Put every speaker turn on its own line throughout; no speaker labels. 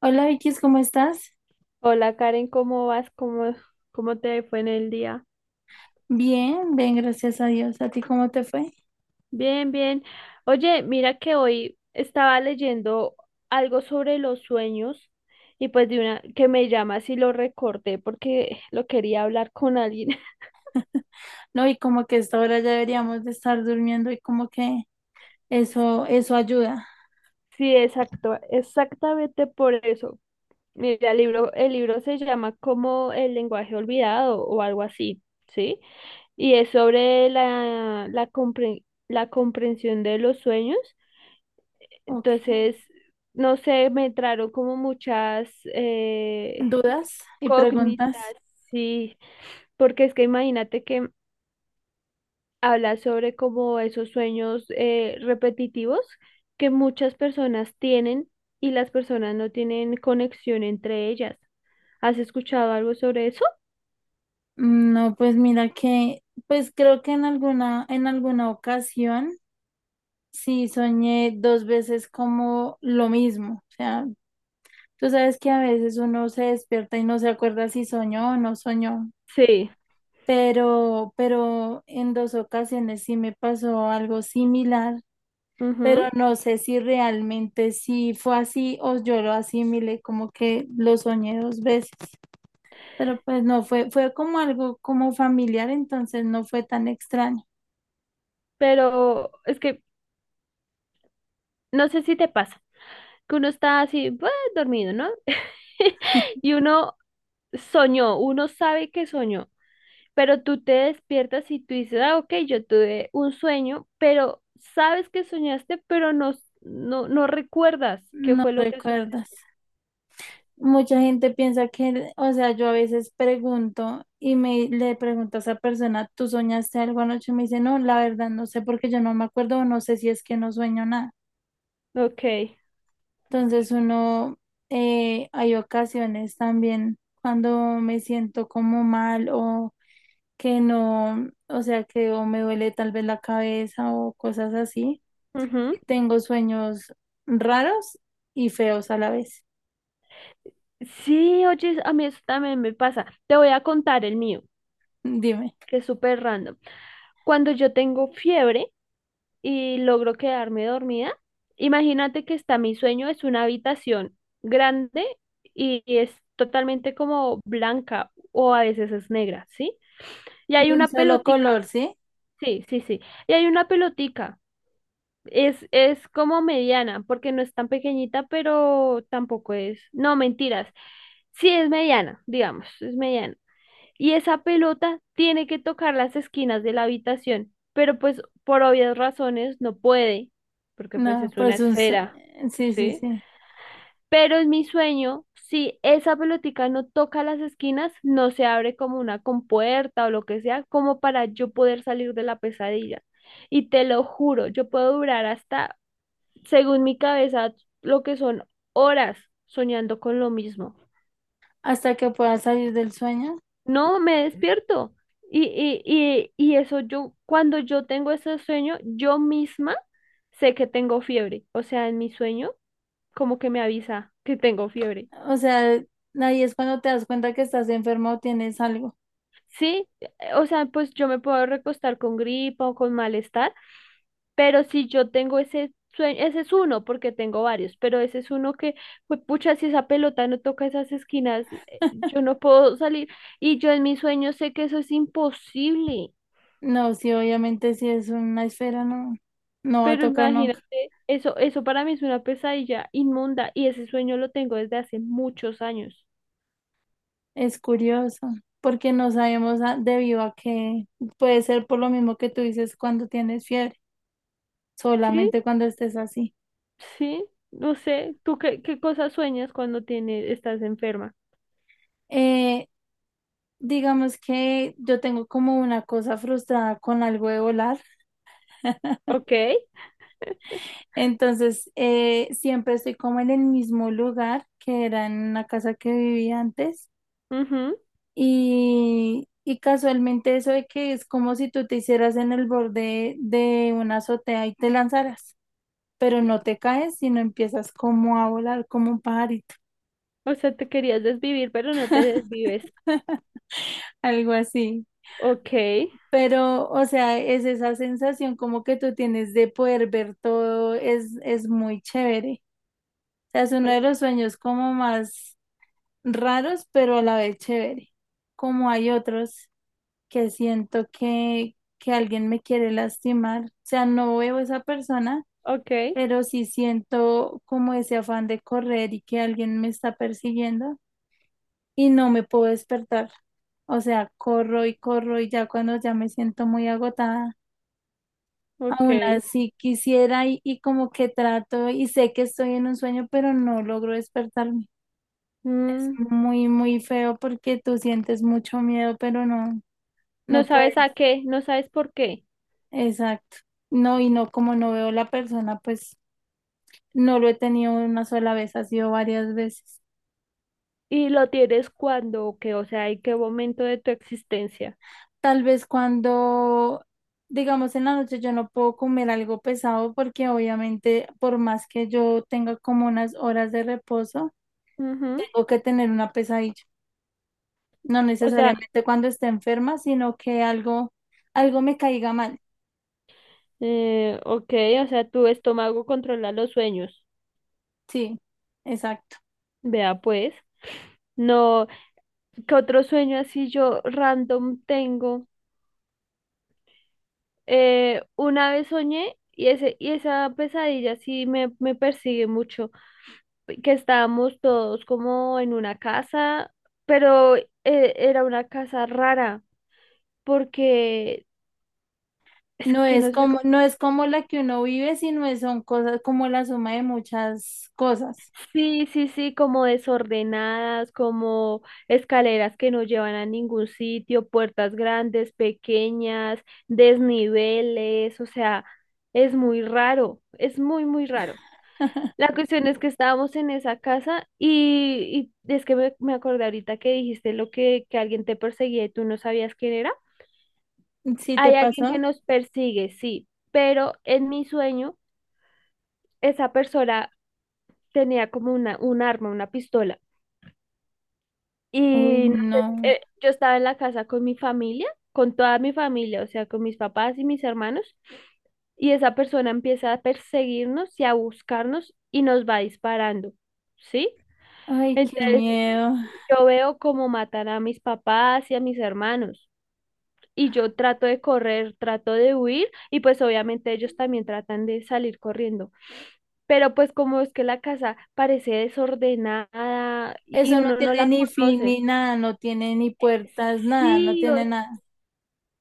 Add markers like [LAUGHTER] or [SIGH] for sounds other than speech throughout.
Hola Vicky, ¿cómo estás?
Hola Karen, ¿cómo vas? ¿Cómo te fue en el día?
Bien, bien, gracias a Dios. ¿A ti cómo te fue?
Bien, bien. Oye, mira que hoy estaba leyendo algo sobre los sueños y pues de una que me llama si lo recorté porque lo quería hablar con alguien. [LAUGHS]
No, y como que a esta hora ya deberíamos de estar durmiendo y como que eso ayuda.
Sí, exacto, exactamente por eso. Mira, el libro se llama como El lenguaje olvidado o algo así, ¿sí? Y es sobre la comprensión de los sueños.
Ok.
Entonces, no sé, me entraron como muchas
¿Dudas y
cógnitas,
preguntas?
sí, porque es que imagínate que habla sobre como esos sueños repetitivos que muchas personas tienen y las personas no tienen conexión entre ellas. ¿Has escuchado algo sobre eso?
Mm, no, pues mira que, pues creo que en alguna ocasión sí soñé dos veces como lo mismo. O sea, tú sabes que a veces uno se despierta y no se acuerda si soñó o no soñó.
Sí.
Pero en dos ocasiones sí me pasó algo similar, pero
Ujú.
no sé si realmente sí fue así o yo lo asimilé como que lo soñé dos veces, pero pues no fue, fue como algo como familiar, entonces no fue tan extraño,
Pero es que no sé si te pasa, que uno está así, "Buah", dormido, ¿no? [LAUGHS] Y uno soñó, uno sabe que soñó. Pero tú te despiertas y tú dices, ah, ok, yo tuve un sueño, pero sabes que soñaste, pero no recuerdas qué
no
fue lo que soñaste.
recuerdas. Mucha gente piensa que, o sea, yo a veces pregunto y me le pregunto a esa persona, ¿tú soñaste algo anoche? Y me dice, no, la verdad no sé porque yo no me acuerdo, o no sé si es que no sueño nada.
Ok.
Entonces uno, hay ocasiones también cuando me siento como mal o que no, o sea, que o me duele tal vez la cabeza o cosas así.
Ujú.
Tengo sueños raros y feos a la vez.
Sí, oye, a mí eso también me pasa. Te voy a contar el mío,
Dime,
que es súper random. Cuando yo tengo fiebre y logro quedarme dormida, imagínate que está mi sueño, es una habitación grande y es totalmente como blanca o a veces es negra, ¿sí? Y hay
de un
una
solo color,
pelotica.
¿sí?
Sí, sí, sí. Y hay una pelotica. Es como mediana, porque no es tan pequeñita, pero tampoco es. No, mentiras. Sí, es mediana, digamos, es mediana. Y esa pelota tiene que tocar las esquinas de la habitación, pero pues por obvias razones no puede, porque pues
No,
es una
pues un,
esfera,
sí, sí,
¿sí?
sí.
Pero en mi sueño, si esa pelotica no toca las esquinas, no se abre como una compuerta o lo que sea, como para yo poder salir de la pesadilla. Y te lo juro, yo puedo durar hasta, según mi cabeza, lo que son horas soñando con lo mismo.
Hasta que puedas salir del sueño.
No, me despierto. Y eso yo, cuando yo tengo ese sueño, yo misma sé que tengo fiebre. O sea, en mi sueño, como que me avisa que tengo fiebre.
O sea, ahí es cuando te das cuenta que estás enfermo o tienes algo.
Sí, o sea, pues yo me puedo recostar con gripa o con malestar, pero si yo tengo ese sueño, ese es uno, porque tengo varios, pero ese es uno que, pues pucha, si esa pelota no toca esas esquinas, yo no puedo salir. Y yo en mi sueño sé que eso es imposible,
No, sí, obviamente si es una esfera no, no va a
pero
tocar nunca.
imagínate, eso para mí es una pesadilla inmunda y ese sueño lo tengo desde hace muchos años.
Es curioso, porque no sabemos debido a que puede ser por lo mismo que tú dices cuando tienes fiebre,
Sí,
solamente cuando estés así.
sí, no sé, ¿tú qué cosas sueñas cuando tienes, estás enferma?
Eh, digamos que yo tengo como una cosa frustrada con algo de volar,
Ok.
entonces siempre estoy como en el mismo lugar que era en una casa que vivía antes.
Ujú.
Y casualmente eso de que es como si tú te hicieras en el borde de una azotea y te lanzaras, pero no te caes, sino empiezas como a volar como un pajarito,
O sea, te querías desvivir, pero no te desvives.
[LAUGHS] algo así.
Ok,
Pero, o sea, es esa sensación como que tú tienes de poder ver todo, es muy chévere. O sea, es uno de los sueños como más raros, pero a la vez chévere, como hay otros. Que siento que alguien me quiere lastimar. O sea, no veo a esa persona,
ok,
pero sí siento como ese afán de correr y que alguien me está persiguiendo y no me puedo despertar. O sea, corro y corro y ya cuando ya me siento muy agotada,
ok.
aún así quisiera y como que trato y sé que estoy en un sueño, pero no logro despertarme.
Mm,
Muy, muy feo porque tú sientes mucho miedo, pero no,
no
no puedes.
sabes a qué, no sabes por qué.
Exacto. No, y no, como no veo la persona, pues no lo he tenido una sola vez, ha sido varias veces.
Y lo tienes cuando o qué, o sea, en qué momento de tu existencia.
Tal vez cuando, digamos, en la noche yo no puedo comer algo pesado porque obviamente por más que yo tenga como unas horas de reposo,
Ujú.
tengo que tener una pesadilla. No
O sea,
necesariamente cuando esté enferma, sino que algo, algo me caiga mal.
ok, o sea, tu estómago controla los sueños.
Sí, exacto.
Vea pues. No, ¿qué otro sueño así yo random tengo? Una vez soñé y esa pesadilla sí me persigue mucho. Que estábamos todos como en una casa, pero era una casa rara, porque es
No
que
es
no sé
como,
cómo.
no es como la que uno vive, sino son cosas como la suma de muchas cosas.
Sí, sí, sí, como desordenadas, como escaleras que no llevan a ningún sitio, puertas grandes, pequeñas, desniveles, o sea, es muy raro, es muy raro. La cuestión es que estábamos en esa casa y es que me acordé ahorita que dijiste que alguien te perseguía y tú no sabías quién era.
¿Sí te
Hay alguien
pasó?
que nos persigue, sí, pero en mi sueño esa persona tenía como un arma, una pistola.
Uy,
Y no sé,
no.
yo estaba en la casa con mi familia, con toda mi familia, o sea, con mis papás y mis hermanos, y esa persona empieza a perseguirnos y a buscarnos y nos va disparando, ¿sí?
Ay, qué
Entonces,
miedo.
yo veo cómo matan a mis papás y a mis hermanos. Y yo trato de correr, trato de huir y pues obviamente ellos también tratan de salir corriendo. Pero pues como es que la casa parece desordenada y
Eso no
uno no
tiene
la
ni fin
conoce.
ni nada, no tiene ni puertas, nada, no
Sí,
tiene
o-
nada.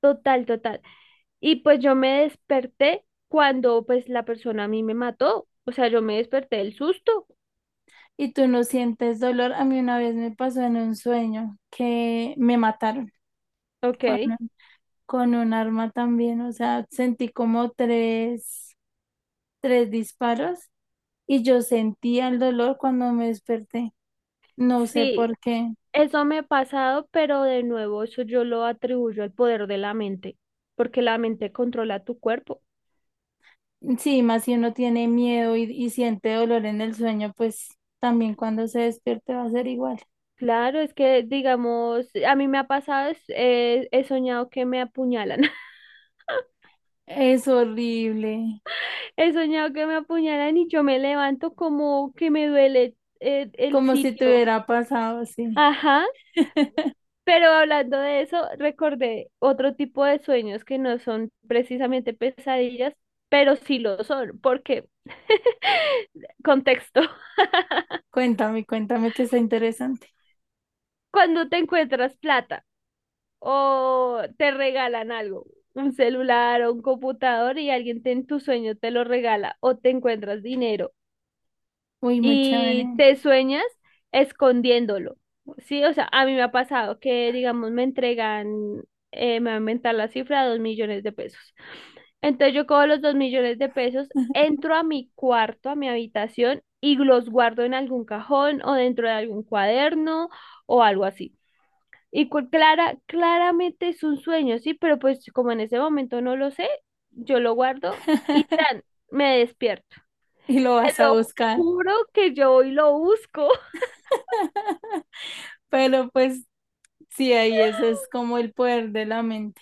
total, total. Y pues yo me desperté cuando pues la persona a mí me mató. O sea, yo me desperté del susto.
Y tú no sientes dolor. A mí una vez me pasó en un sueño que me mataron con,
Ok.
con un arma también. O sea, sentí como tres disparos y yo sentía el dolor cuando me desperté. No sé
Sí,
por qué.
eso me ha pasado, pero de nuevo eso yo lo atribuyo al poder de la mente, porque la mente controla tu cuerpo.
Sí, más si uno tiene miedo y siente dolor en el sueño, pues también cuando se despierte va a ser igual.
Claro, es que digamos, a mí me ha pasado, es- he soñado que me apuñalan, [LAUGHS]
Es horrible,
he soñado que me apuñalan y yo me levanto como que me duele el
como si te
sitio.
hubiera pasado así.
Ajá,
[LAUGHS]
pero hablando de eso, recordé otro tipo de sueños que no son precisamente pesadillas, pero sí lo son, porque [LAUGHS] contexto,
Cuéntame, cuéntame que está interesante.
[LAUGHS] cuando te encuentras plata. O te regalan algo, un celular o un computador y alguien te- en tu sueño te lo regala o te encuentras dinero
Uy, muy sí,
y
chévere.
te sueñas escondiéndolo. Sí, o sea, a mí me ha pasado que, digamos, me entregan, me va a inventar la cifra, 2 millones de pesos. Entonces yo cojo los 2 millones de pesos, entro a mi cuarto, a mi habitación y los guardo en algún cajón o dentro de algún cuaderno o algo así. Y claramente es un sueño, sí, pero pues como en ese momento no lo sé, yo lo guardo y
[LAUGHS]
tan, me despierto.
Y lo
Te
vas a
lo
buscar.
juro que yo hoy lo busco. [LAUGHS]
[LAUGHS] Pero pues sí, ahí eso es como el poder de la mente.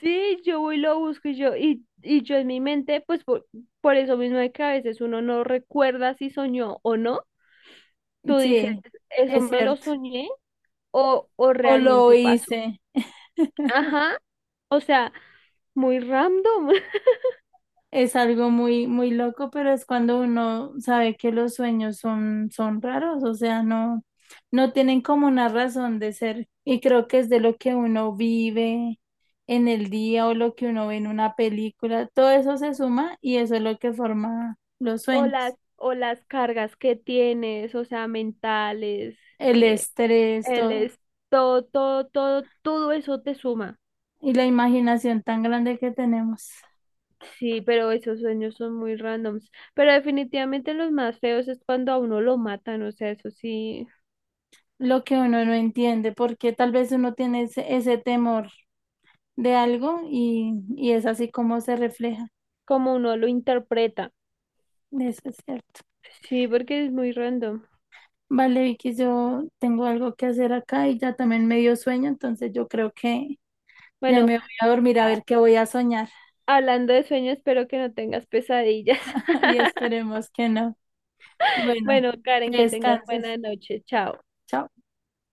Sí, yo voy y lo busco y yo en mi mente, pues por eso mismo de que a veces uno no recuerda si soñó o no, tú dices,
Sí,
eso
es
me lo
cierto.
soñé o
O lo
realmente pasó.
hice.
Ajá, o sea, muy random. [LAUGHS]
Es algo muy, muy loco, pero es cuando uno sabe que los sueños son, son raros, o sea, no, no tienen como una razón de ser. Y creo que es de lo que uno vive en el día o lo que uno ve en una película. Todo eso se suma y eso es lo que forma los
O las,
sueños,
o las cargas que tienes, o sea, mentales,
el
eh,
estrés,
el
todo,
es todo eso te suma.
y la imaginación tan grande que tenemos,
Sí, pero esos sueños son muy randoms. Pero definitivamente los más feos es cuando a uno lo matan, o sea, eso sí,
lo que uno no entiende, porque tal vez uno tiene ese, ese temor de algo y es así como se refleja.
como uno lo interpreta.
Eso es cierto.
Sí, porque es muy random.
Vale, Vicky, yo tengo algo que hacer acá y ya también me dio sueño, entonces yo creo que ya
Bueno,
me voy a dormir a
a-
ver qué voy a soñar.
hablando de sueños, espero que no tengas pesadillas.
[LAUGHS] Y
[LAUGHS]
esperemos que no. Bueno,
Bueno, Karen,
que
que tengas
descanses.
buena noche. Chao.
Chao.